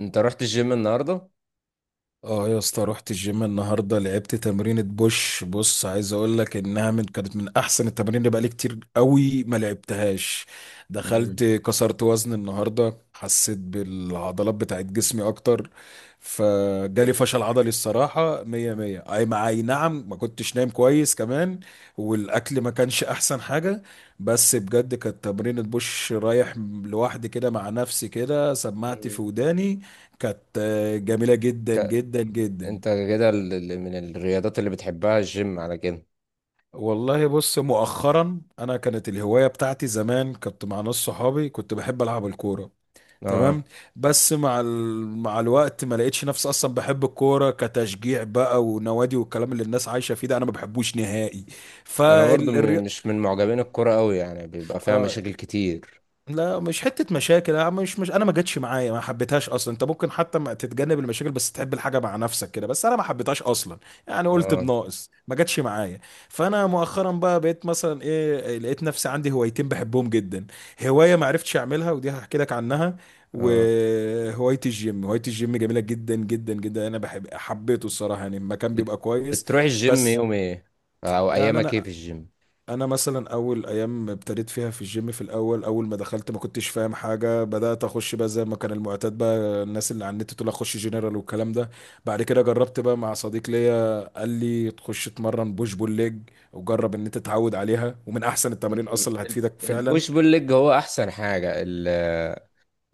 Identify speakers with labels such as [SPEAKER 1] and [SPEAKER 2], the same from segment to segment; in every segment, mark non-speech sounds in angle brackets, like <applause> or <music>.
[SPEAKER 1] انت رحت الجيم النهارده؟
[SPEAKER 2] اه يا اسطى، رحت الجيم النهارده، لعبت تمرينة بوش. بص، عايز اقول لك انها من كانت من احسن التمارين اللي بقالي كتير قوي ما لعبتهاش. دخلت كسرت وزن النهارده، حسيت بالعضلات بتاعت جسمي اكتر. فجالي فشل عضلي الصراحة، مية مية. اي مع اي، نعم. ما كنتش نايم كويس كمان، والاكل ما كانش احسن حاجة. بس بجد كانت تمرينة بوش رايح، لوحدي كده مع نفسي كده، سمعت
[SPEAKER 1] مم.
[SPEAKER 2] في وداني. كانت جميلة جدا
[SPEAKER 1] انت
[SPEAKER 2] جدا جدا.
[SPEAKER 1] انت كده من الرياضات اللي بتحبها الجيم على كده؟
[SPEAKER 2] والله بص، مؤخرا انا كانت الهواية بتاعتي زمان، كنت مع ناس صحابي، كنت بحب العب الكورة،
[SPEAKER 1] اه،
[SPEAKER 2] تمام. بس مع ال... مع الوقت ما لقيتش نفسي اصلا بحب الكورة كتشجيع بقى ونوادي والكلام اللي الناس عايشة فيه ده، انا ما بحبوش نهائي.
[SPEAKER 1] انا برضو
[SPEAKER 2] فالرياضة،
[SPEAKER 1] مش من معجبين الكرة قوي، يعني بيبقى فيها مشاكل كتير.
[SPEAKER 2] لا مش حتة مشاكل. انا مش انا ما جاتش معايا، ما حبيتهاش اصلا. انت ممكن حتى ما تتجنب المشاكل بس تحب الحاجة مع نفسك كده، بس انا ما حبيتهاش اصلا. يعني قلت
[SPEAKER 1] اه.
[SPEAKER 2] بناقص، ما جاتش معايا. فانا مؤخرا بقى بقيت مثلا ايه، لقيت نفسي عندي هوايتين بحبهم جدا. هواية ما عرفتش اعملها، ودي هحكي لك عنها،
[SPEAKER 1] اه.
[SPEAKER 2] وهواية الجيم. هواية الجيم جميلة جدا جدا جدا، انا بحب حبيته الصراحة، يعني المكان
[SPEAKER 1] بت-
[SPEAKER 2] بيبقى كويس.
[SPEAKER 1] بتروح الجيم
[SPEAKER 2] بس
[SPEAKER 1] يوم ايه؟ او
[SPEAKER 2] يعني
[SPEAKER 1] ايامك ايه
[SPEAKER 2] انا
[SPEAKER 1] في الجيم؟
[SPEAKER 2] انا مثلا اول ايام ابتديت فيها في الجيم، في الاول، اول ما دخلت ما كنتش فاهم حاجه. بدات اخش بقى زي ما كان المعتاد بقى، الناس اللي على النت تقول اخش جنرال والكلام ده. بعد كده جربت بقى مع صديق ليا، قال لي تخش تمرن بوش بول ليج، وجرب ان انت تتعود عليها، ومن احسن التمارين
[SPEAKER 1] مم،
[SPEAKER 2] اصلا اللي هتفيدك فعلا.
[SPEAKER 1] البوش بول ليج هو احسن حاجة.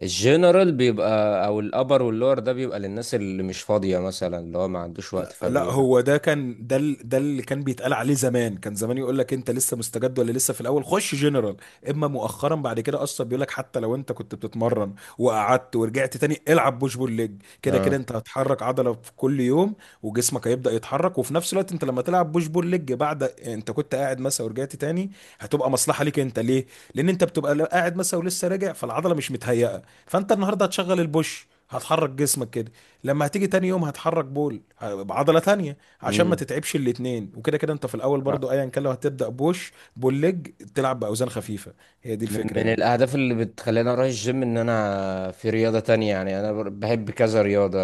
[SPEAKER 1] الجنرال بيبقى او الابر واللور ده بيبقى للناس اللي مش فاضية مثلا، اللي هو ما عندوش وقت
[SPEAKER 2] لا،
[SPEAKER 1] فبيلعب.
[SPEAKER 2] هو ده كان ده اللي كان بيتقال عليه زمان. كان زمان يقول لك انت لسه مستجد ولا لسه في الاول، خش جنرال. اما مؤخرا بعد كده اصلا بيقول لك حتى لو انت كنت بتتمرن وقعدت ورجعت تاني، العب بوش بول ليج. كده كده
[SPEAKER 1] اه.
[SPEAKER 2] انت هتحرك عضله في كل يوم، وجسمك هيبدا يتحرك. وفي نفس الوقت انت لما تلعب بوش بول ليج بعد انت كنت قاعد مثلا ورجعت تاني، هتبقى مصلحه ليك انت ليه، لان انت بتبقى قاعد مثلا ولسه راجع، فالعضله مش متهيئه. فانت النهارده هتشغل البوش، هتحرك جسمك كده، لما هتيجي تاني يوم هتحرك بول بعضله تانية عشان ما
[SPEAKER 1] امم.
[SPEAKER 2] تتعبش الاتنين. وكده كده انت في الاول برضو ايا كان لو هتبدا بوش بول ليج، تلعب باوزان خفيفه. هي دي
[SPEAKER 1] من
[SPEAKER 2] الفكره
[SPEAKER 1] من
[SPEAKER 2] يعني.
[SPEAKER 1] الأهداف اللي بتخليني أروح الجيم إن أنا في رياضة تانية، يعني أنا بحب كذا رياضة.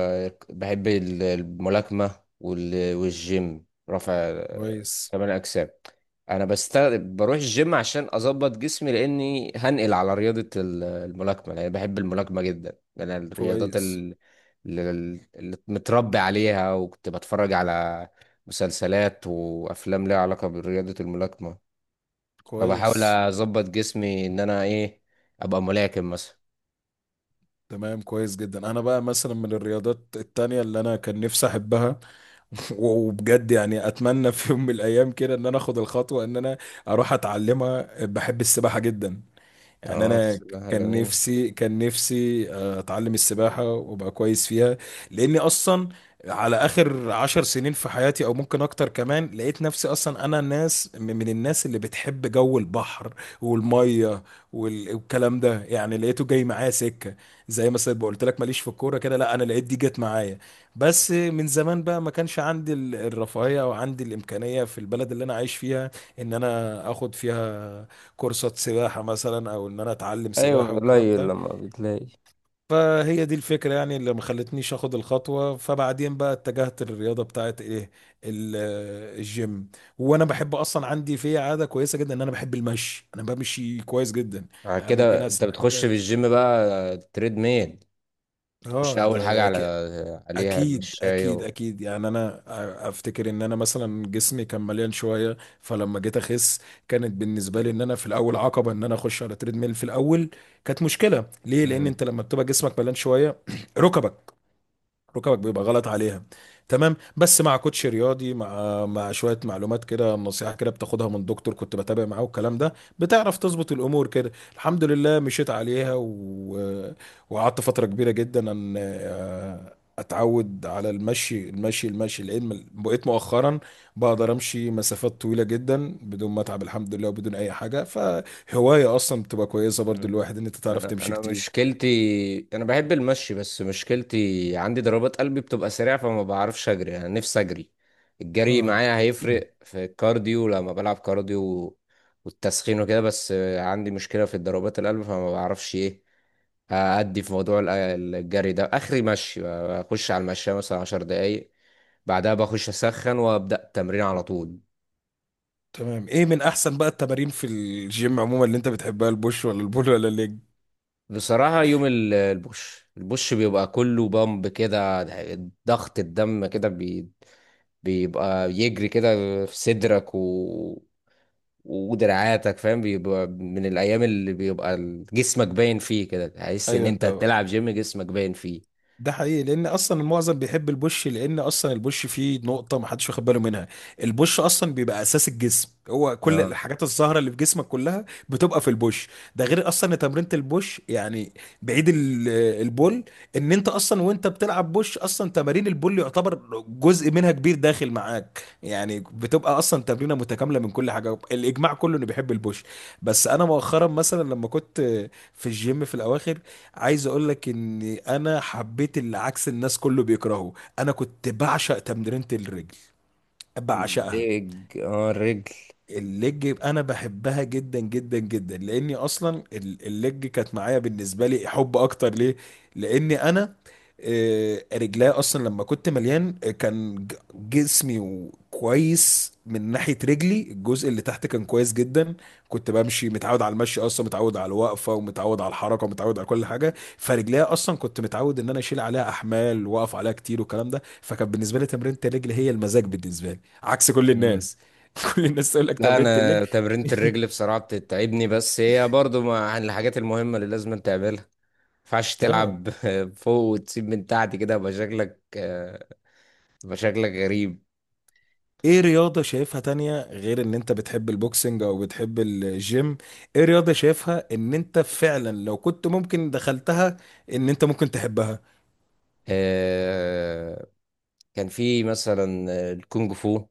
[SPEAKER 1] بحب الملاكمة، والجيم رفع
[SPEAKER 2] كويس
[SPEAKER 1] كمال الأجسام. أنا بست بروح الجيم عشان أظبط جسمي، لأني هنقل على رياضة الملاكمة، لأن بحب الملاكمة جدا. أنا الرياضات
[SPEAKER 2] كويس
[SPEAKER 1] اللي اللي متربي عليها، وكنت بتفرج على مسلسلات وأفلام ليها علاقة برياضة الملاكمة. فبحاول
[SPEAKER 2] كويس،
[SPEAKER 1] اظبط جسمي ان انا ايه، ابقى ملاكم مثلا.
[SPEAKER 2] تمام، كويس جدا. انا بقى مثلا من الرياضات التانية اللي انا كان نفسي احبها، <laughs> وبجد يعني اتمنى في يوم من الايام كده ان انا اخد الخطوة ان انا اروح اتعلمها، بحب السباحة جدا. يعني
[SPEAKER 1] اه،
[SPEAKER 2] انا
[SPEAKER 1] السباحة
[SPEAKER 2] كان
[SPEAKER 1] جميل.
[SPEAKER 2] نفسي، كان نفسي اتعلم السباحه وابقى كويس فيها. لاني اصلا على اخر عشر سنين في حياتي او ممكن اكتر كمان، لقيت نفسي اصلا انا الناس، من الناس اللي بتحب جو البحر والميه والكلام ده، يعني لقيته جاي معايا سكه. زي مثلا ما قلت لك ماليش في الكوره كده، لا انا لقيت دي جت معايا. بس من زمان بقى ما كانش عندي الرفاهيه او عندي الامكانيه في البلد اللي انا عايش فيها ان انا اخد فيها كورسات سباحة مثلا، او ان انا اتعلم
[SPEAKER 1] ايوه،
[SPEAKER 2] سباحة والكلام
[SPEAKER 1] قليل
[SPEAKER 2] ده.
[SPEAKER 1] لما بتلاقي.
[SPEAKER 2] فهي دي الفكرة يعني اللي ما خلتنيش اخد الخطوة. فبعدين بقى اتجهت للرياضة بتاعت ايه، ال- الجيم. وانا بحب اصلا، عندي في عادة كويسة جدا، ان انا بحب المشي، انا بمشي كويس جدا.
[SPEAKER 1] بعد
[SPEAKER 2] يعني ممكن
[SPEAKER 1] كده انت
[SPEAKER 2] اسرح
[SPEAKER 1] بتخش في
[SPEAKER 2] كده.
[SPEAKER 1] الجيم بقى تريد ميل؟ تخش
[SPEAKER 2] اه،
[SPEAKER 1] اول
[SPEAKER 2] ده
[SPEAKER 1] حاجة
[SPEAKER 2] ده
[SPEAKER 1] على عليها
[SPEAKER 2] اكيد
[SPEAKER 1] المشاية
[SPEAKER 2] اكيد اكيد. يعني انا افتكر ان انا مثلا جسمي كان مليان شويه، فلما جيت اخس كانت بالنسبه لي ان انا في الاول عقبه ان انا اخش على تريد ميل. في الاول كانت مشكله ليه، لان
[SPEAKER 1] مم.
[SPEAKER 2] انت لما بتبقى جسمك مليان شويه <clears throat> ركبك، ركبك بيبقى غلط عليها، تمام. بس مع كوتش رياضي، مع شويه معلومات كده، نصيحه كده بتاخدها من دكتور كنت بتابع معاه والكلام ده، بتعرف تظبط الامور كده الحمد لله. وقعدت فتره كبيره جدا ان اتعود على المشي المشي المشي، لان بقيت مؤخرا بقدر امشي مسافات طويله جدا بدون ما اتعب، الحمد لله، وبدون اي حاجه. فهوايه اصلا بتبقى كويسه برضو
[SPEAKER 1] مم.
[SPEAKER 2] الواحد، ان انت تعرف
[SPEAKER 1] انا
[SPEAKER 2] تمشي
[SPEAKER 1] انا
[SPEAKER 2] كتير.
[SPEAKER 1] مشكلتي، انا بحب المشي بس مشكلتي عندي ضربات قلبي بتبقى سريعه، فما بعرفش اجري. انا نفسي اجري. الجري
[SPEAKER 2] اه،
[SPEAKER 1] معايا هيفرق في الكارديو لما بلعب كارديو والتسخين وكده. بس عندي مشكله في ضربات القلب فما بعرفش ايه ادي في موضوع الجري ده. اخري مشي، اخش على المشاية مثلا عشر دقايق، بعدها بخش اسخن وابدا التمرين على طول.
[SPEAKER 2] تمام. ايه من احسن بقى التمارين في الجيم عموما اللي انت بتحبها، البوش ولا البول ولا الليج؟
[SPEAKER 1] بصراحة يوم البوش بيبقى كله بامب كده، ضغط الدم كده بيبقى يجري كده في صدرك ودراعاتك، فاهم؟ بيبقى من الأيام اللي بيبقى جسمك باين فيه كده، تحس إن
[SPEAKER 2] ايوه،
[SPEAKER 1] أنت
[SPEAKER 2] انت
[SPEAKER 1] تلعب جيم، جسمك باين فيه.
[SPEAKER 2] ده حقيقي. لان اصلا المعظم بيحب البوش، لان اصلا البوش فيه نقطه ما حدش واخد باله منها. البوش اصلا بيبقى اساس الجسم، هو كل
[SPEAKER 1] اه
[SPEAKER 2] الحاجات الزهره اللي في جسمك كلها بتبقى في البوش. ده غير اصلا إن تمرينه البوش يعني، بعيد البول، ان انت اصلا وانت بتلعب بوش اصلا تمارين البول يعتبر جزء منها كبير داخل معاك. يعني بتبقى اصلا تمرينه متكامله من كل حاجه. الاجماع كله انه بيحب البوش، بس انا مؤخرا مثلا لما كنت في الجيم في الاواخر، عايز اقول لك ان انا حبيت اللي عكس الناس كله بيكرهه. انا كنت بعشق تمرينة الرجل، بعشقها.
[SPEAKER 1] الرجل، اه الرجل.
[SPEAKER 2] الليج انا بحبها جدا جدا جدا، لاني اصلا الليج كانت معايا بالنسبه لي حب اكتر ليه. لاني انا رجليا اصلا لما كنت مليان، كان جسمي كويس من ناحيه رجلي. الجزء اللي تحت كان كويس جدا، كنت بمشي، متعود على المشي اصلا، متعود على الوقفه، ومتعود على الحركه، ومتعود على كل حاجه. فرجليا اصلا كنت متعود ان انا اشيل عليها احمال، واقف عليها كتير والكلام ده. فكان بالنسبه لي تمرينة الرجل هي المزاج بالنسبه لي، عكس كل
[SPEAKER 1] مم.
[SPEAKER 2] الناس. <laughs> كل الناس تقول لك
[SPEAKER 1] لا،
[SPEAKER 2] تمرينة الليج.
[SPEAKER 1] أنا تمرينة الرجل بصراحة بتتعبني، بس هي برضو عن الحاجات المهمة اللي لازم تعملها. ينفعش
[SPEAKER 2] اه.
[SPEAKER 1] تلعب <laughs> فوق وتسيب من تحت كده؟ يبقى شكلك يبقى شكلك غريب.
[SPEAKER 2] ايه رياضة شايفها تانية غير ان انت بتحب البوكسنج او بتحب الجيم؟ ايه رياضة شايفها ان انت فعلا لو كنت ممكن دخلتها ان انت ممكن تحبها؟
[SPEAKER 1] آه، كان في مثلا الكونج فو.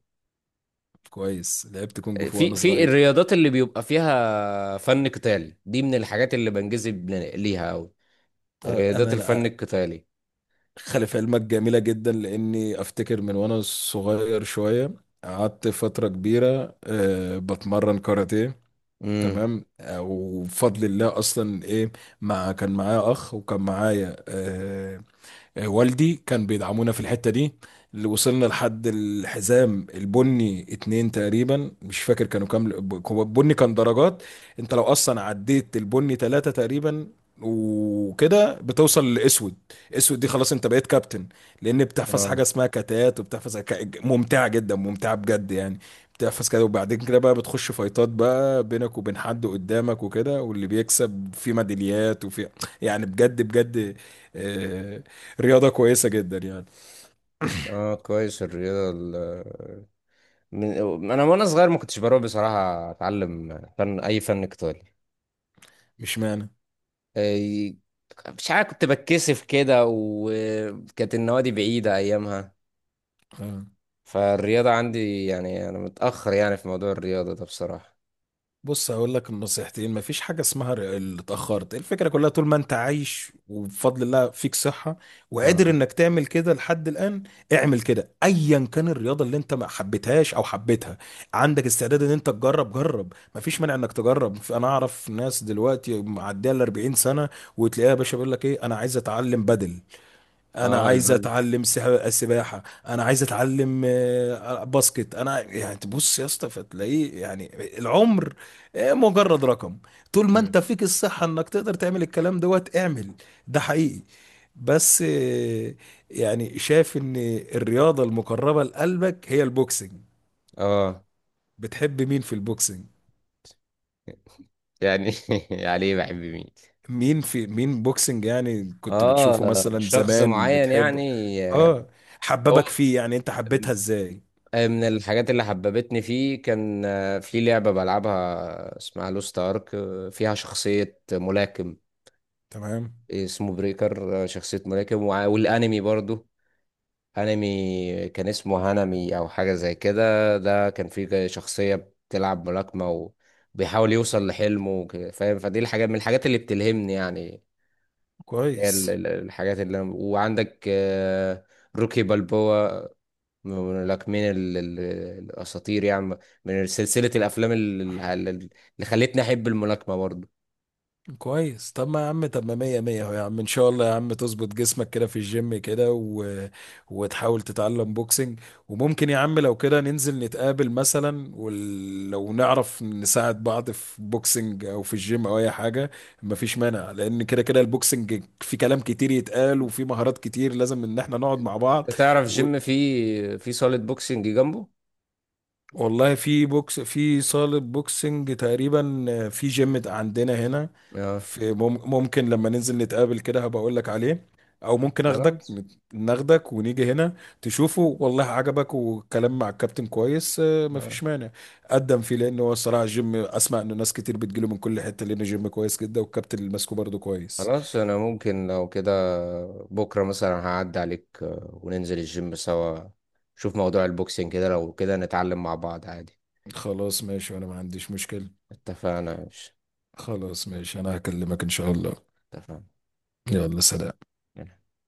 [SPEAKER 2] كويس، لعبت كونج فو
[SPEAKER 1] في
[SPEAKER 2] وانا
[SPEAKER 1] في
[SPEAKER 2] صغير.
[SPEAKER 1] الرياضات اللي بيبقى فيها فن قتال دي، من الحاجات اللي بنجذب ليها أوي،
[SPEAKER 2] آه،
[SPEAKER 1] رياضات
[SPEAKER 2] انا
[SPEAKER 1] الفن
[SPEAKER 2] أنا
[SPEAKER 1] القتالي.
[SPEAKER 2] خلف علمك جميلة جدا. لاني افتكر من وانا صغير شوية، قعدت فترة كبيرة بتمرن كاراتيه،
[SPEAKER 1] امم.
[SPEAKER 2] تمام. وبفضل الله اصلا ايه، كان معايا اخ، وكان معايا والدي كان بيدعمونا في الحتة دي اللي وصلنا لحد الحزام البني اتنين تقريبا، مش فاكر كانوا كام. هو البني كان درجات، انت لو اصلا عديت البني تلاتة تقريبا وكده، بتوصل لاسود. اسود دي خلاص انت بقيت كابتن. لان بتحفظ
[SPEAKER 1] اه.
[SPEAKER 2] حاجه اسمها كتات، وبتحفظ ممتعه جدا، ممتعه بجد يعني. بتحفظ كده، وبعدين كده بقى بتخش فايتات بقى بينك وبين حد قدامك وكده، واللي بيكسب في ميداليات وفي، يعني بجد بجد آه، رياضة كويسة جدا يعني.
[SPEAKER 1] اه، كويس الرياضة من انا وانا صغير ما كنتش بروح بصراحة اتعلم فن، اي فن قتالي.
[SPEAKER 2] مش معنى
[SPEAKER 1] إيه، مش عارف، كنت بتكسف كده، وكانت النوادي بعيدة أيامها.
[SPEAKER 2] آه.
[SPEAKER 1] فالرياضة عندي يعني أنا متأخر، يعني في موضوع الرياضة ده بصراحة.
[SPEAKER 2] بص هقول لك النصيحتين، مفيش حاجة اسمها اللي اتأخرت. الفكرة كلها طول ما انت عايش وبفضل الله فيك صحة وقادر
[SPEAKER 1] اه.
[SPEAKER 2] انك تعمل كده لحد الآن، اعمل كده. ايا كان الرياضة اللي انت ما حبيتهاش او حبيتها، عندك استعداد ان انت تجرب، جرب، مفيش مانع انك تجرب. انا اعرف ناس دلوقتي معدية ال 40 سنة، وتلاقيها يا باشا بيقول لك ايه، انا عايز اتعلم بدل، انا
[SPEAKER 1] اه
[SPEAKER 2] عايز
[SPEAKER 1] البدن.
[SPEAKER 2] اتعلم السباحه، انا عايز اتعلم باسكت، انا يعني تبص يا اسطى فتلاقيه يعني. العمر مجرد رقم، طول ما
[SPEAKER 1] مم.
[SPEAKER 2] انت فيك الصحه انك تقدر تعمل الكلام دوت، اعمل. ده حقيقي. بس يعني شايف ان الرياضه المقربه لقلبك هي البوكسنج.
[SPEAKER 1] اه.
[SPEAKER 2] بتحب مين في البوكسنج؟
[SPEAKER 1] يعني <laughs> عليه بحب مين.
[SPEAKER 2] مين في مين بوكسنج، يعني كنت بتشوفه
[SPEAKER 1] اه
[SPEAKER 2] مثلا
[SPEAKER 1] شخص
[SPEAKER 2] زمان
[SPEAKER 1] معين، يعني
[SPEAKER 2] بتحبه؟ اه،
[SPEAKER 1] هو
[SPEAKER 2] حببك فيه، يعني انت حبيتها ازاي؟
[SPEAKER 1] من الحاجات اللي حببتني فيه كان في لعبة بلعبها اسمها لوست ارك، فيها شخصية ملاكم
[SPEAKER 2] تمام،
[SPEAKER 1] اسمه بريكر. آه، شخصية ملاكم، والانمي برضو، هانمي، كان اسمه هانمي او حاجة زي كده. ده كان فيه شخصية بتلعب ملاكمة وبيحاول يوصل لحلمه، فاهم؟ فدي الحاجات من الحاجات اللي بتلهمني يعني. هي
[SPEAKER 2] كويس
[SPEAKER 1] الحاجات اللي وعندك روكي بالبوا، من الملاكمين الاساطير يعني، من سلسلة الافلام اللي خلتني احب الملاكمة برضه.
[SPEAKER 2] كويس. طب ما يا عم، طب ما مية مية اهو يا عم. ان شاء الله يا عم تظبط جسمك كده في الجيم كده وتحاول تتعلم بوكسنج. وممكن يا عم لو كده ننزل نتقابل مثلا، ولو نعرف نساعد بعض في بوكسنج او في الجيم او اي حاجة، مفيش مانع. لان كده كده البوكسنج في كلام كتير يتقال، وفي مهارات كتير لازم ان احنا نقعد مع
[SPEAKER 1] انت
[SPEAKER 2] بعض.
[SPEAKER 1] تعرف جيم فيه في صالة بوكسنج جنبه؟
[SPEAKER 2] والله في بوكس، في صالة بوكسنج تقريبا في جيم عندنا هنا.
[SPEAKER 1] اه.
[SPEAKER 2] في ممكن لما ننزل نتقابل كده هبقى اقول لك عليه، او ممكن اخدك،
[SPEAKER 1] خلاص،
[SPEAKER 2] ناخدك ونيجي هنا تشوفه. والله عجبك والكلام مع الكابتن كويس مفيش مانع. قدم فيه، لان هو الصراحة الجيم اسمع انه ناس كتير بتجيله من كل حتة، لانه جيم كويس جدا، والكابتن اللي ماسكه برضه كويس.
[SPEAKER 1] خلاص، انا ممكن لو كده بكره مثلا هعدي عليك، وننزل الجيم سوا، شوف موضوع البوكسينج كده، لو كده نتعلم مع بعض عادي.
[SPEAKER 2] خلاص ماشي، وانا ما عنديش مشكلة.
[SPEAKER 1] اتفقنا مش
[SPEAKER 2] خلاص ماشي، انا هكلمك ان شاء الله.
[SPEAKER 1] اتفقنا؟
[SPEAKER 2] يلا سلام.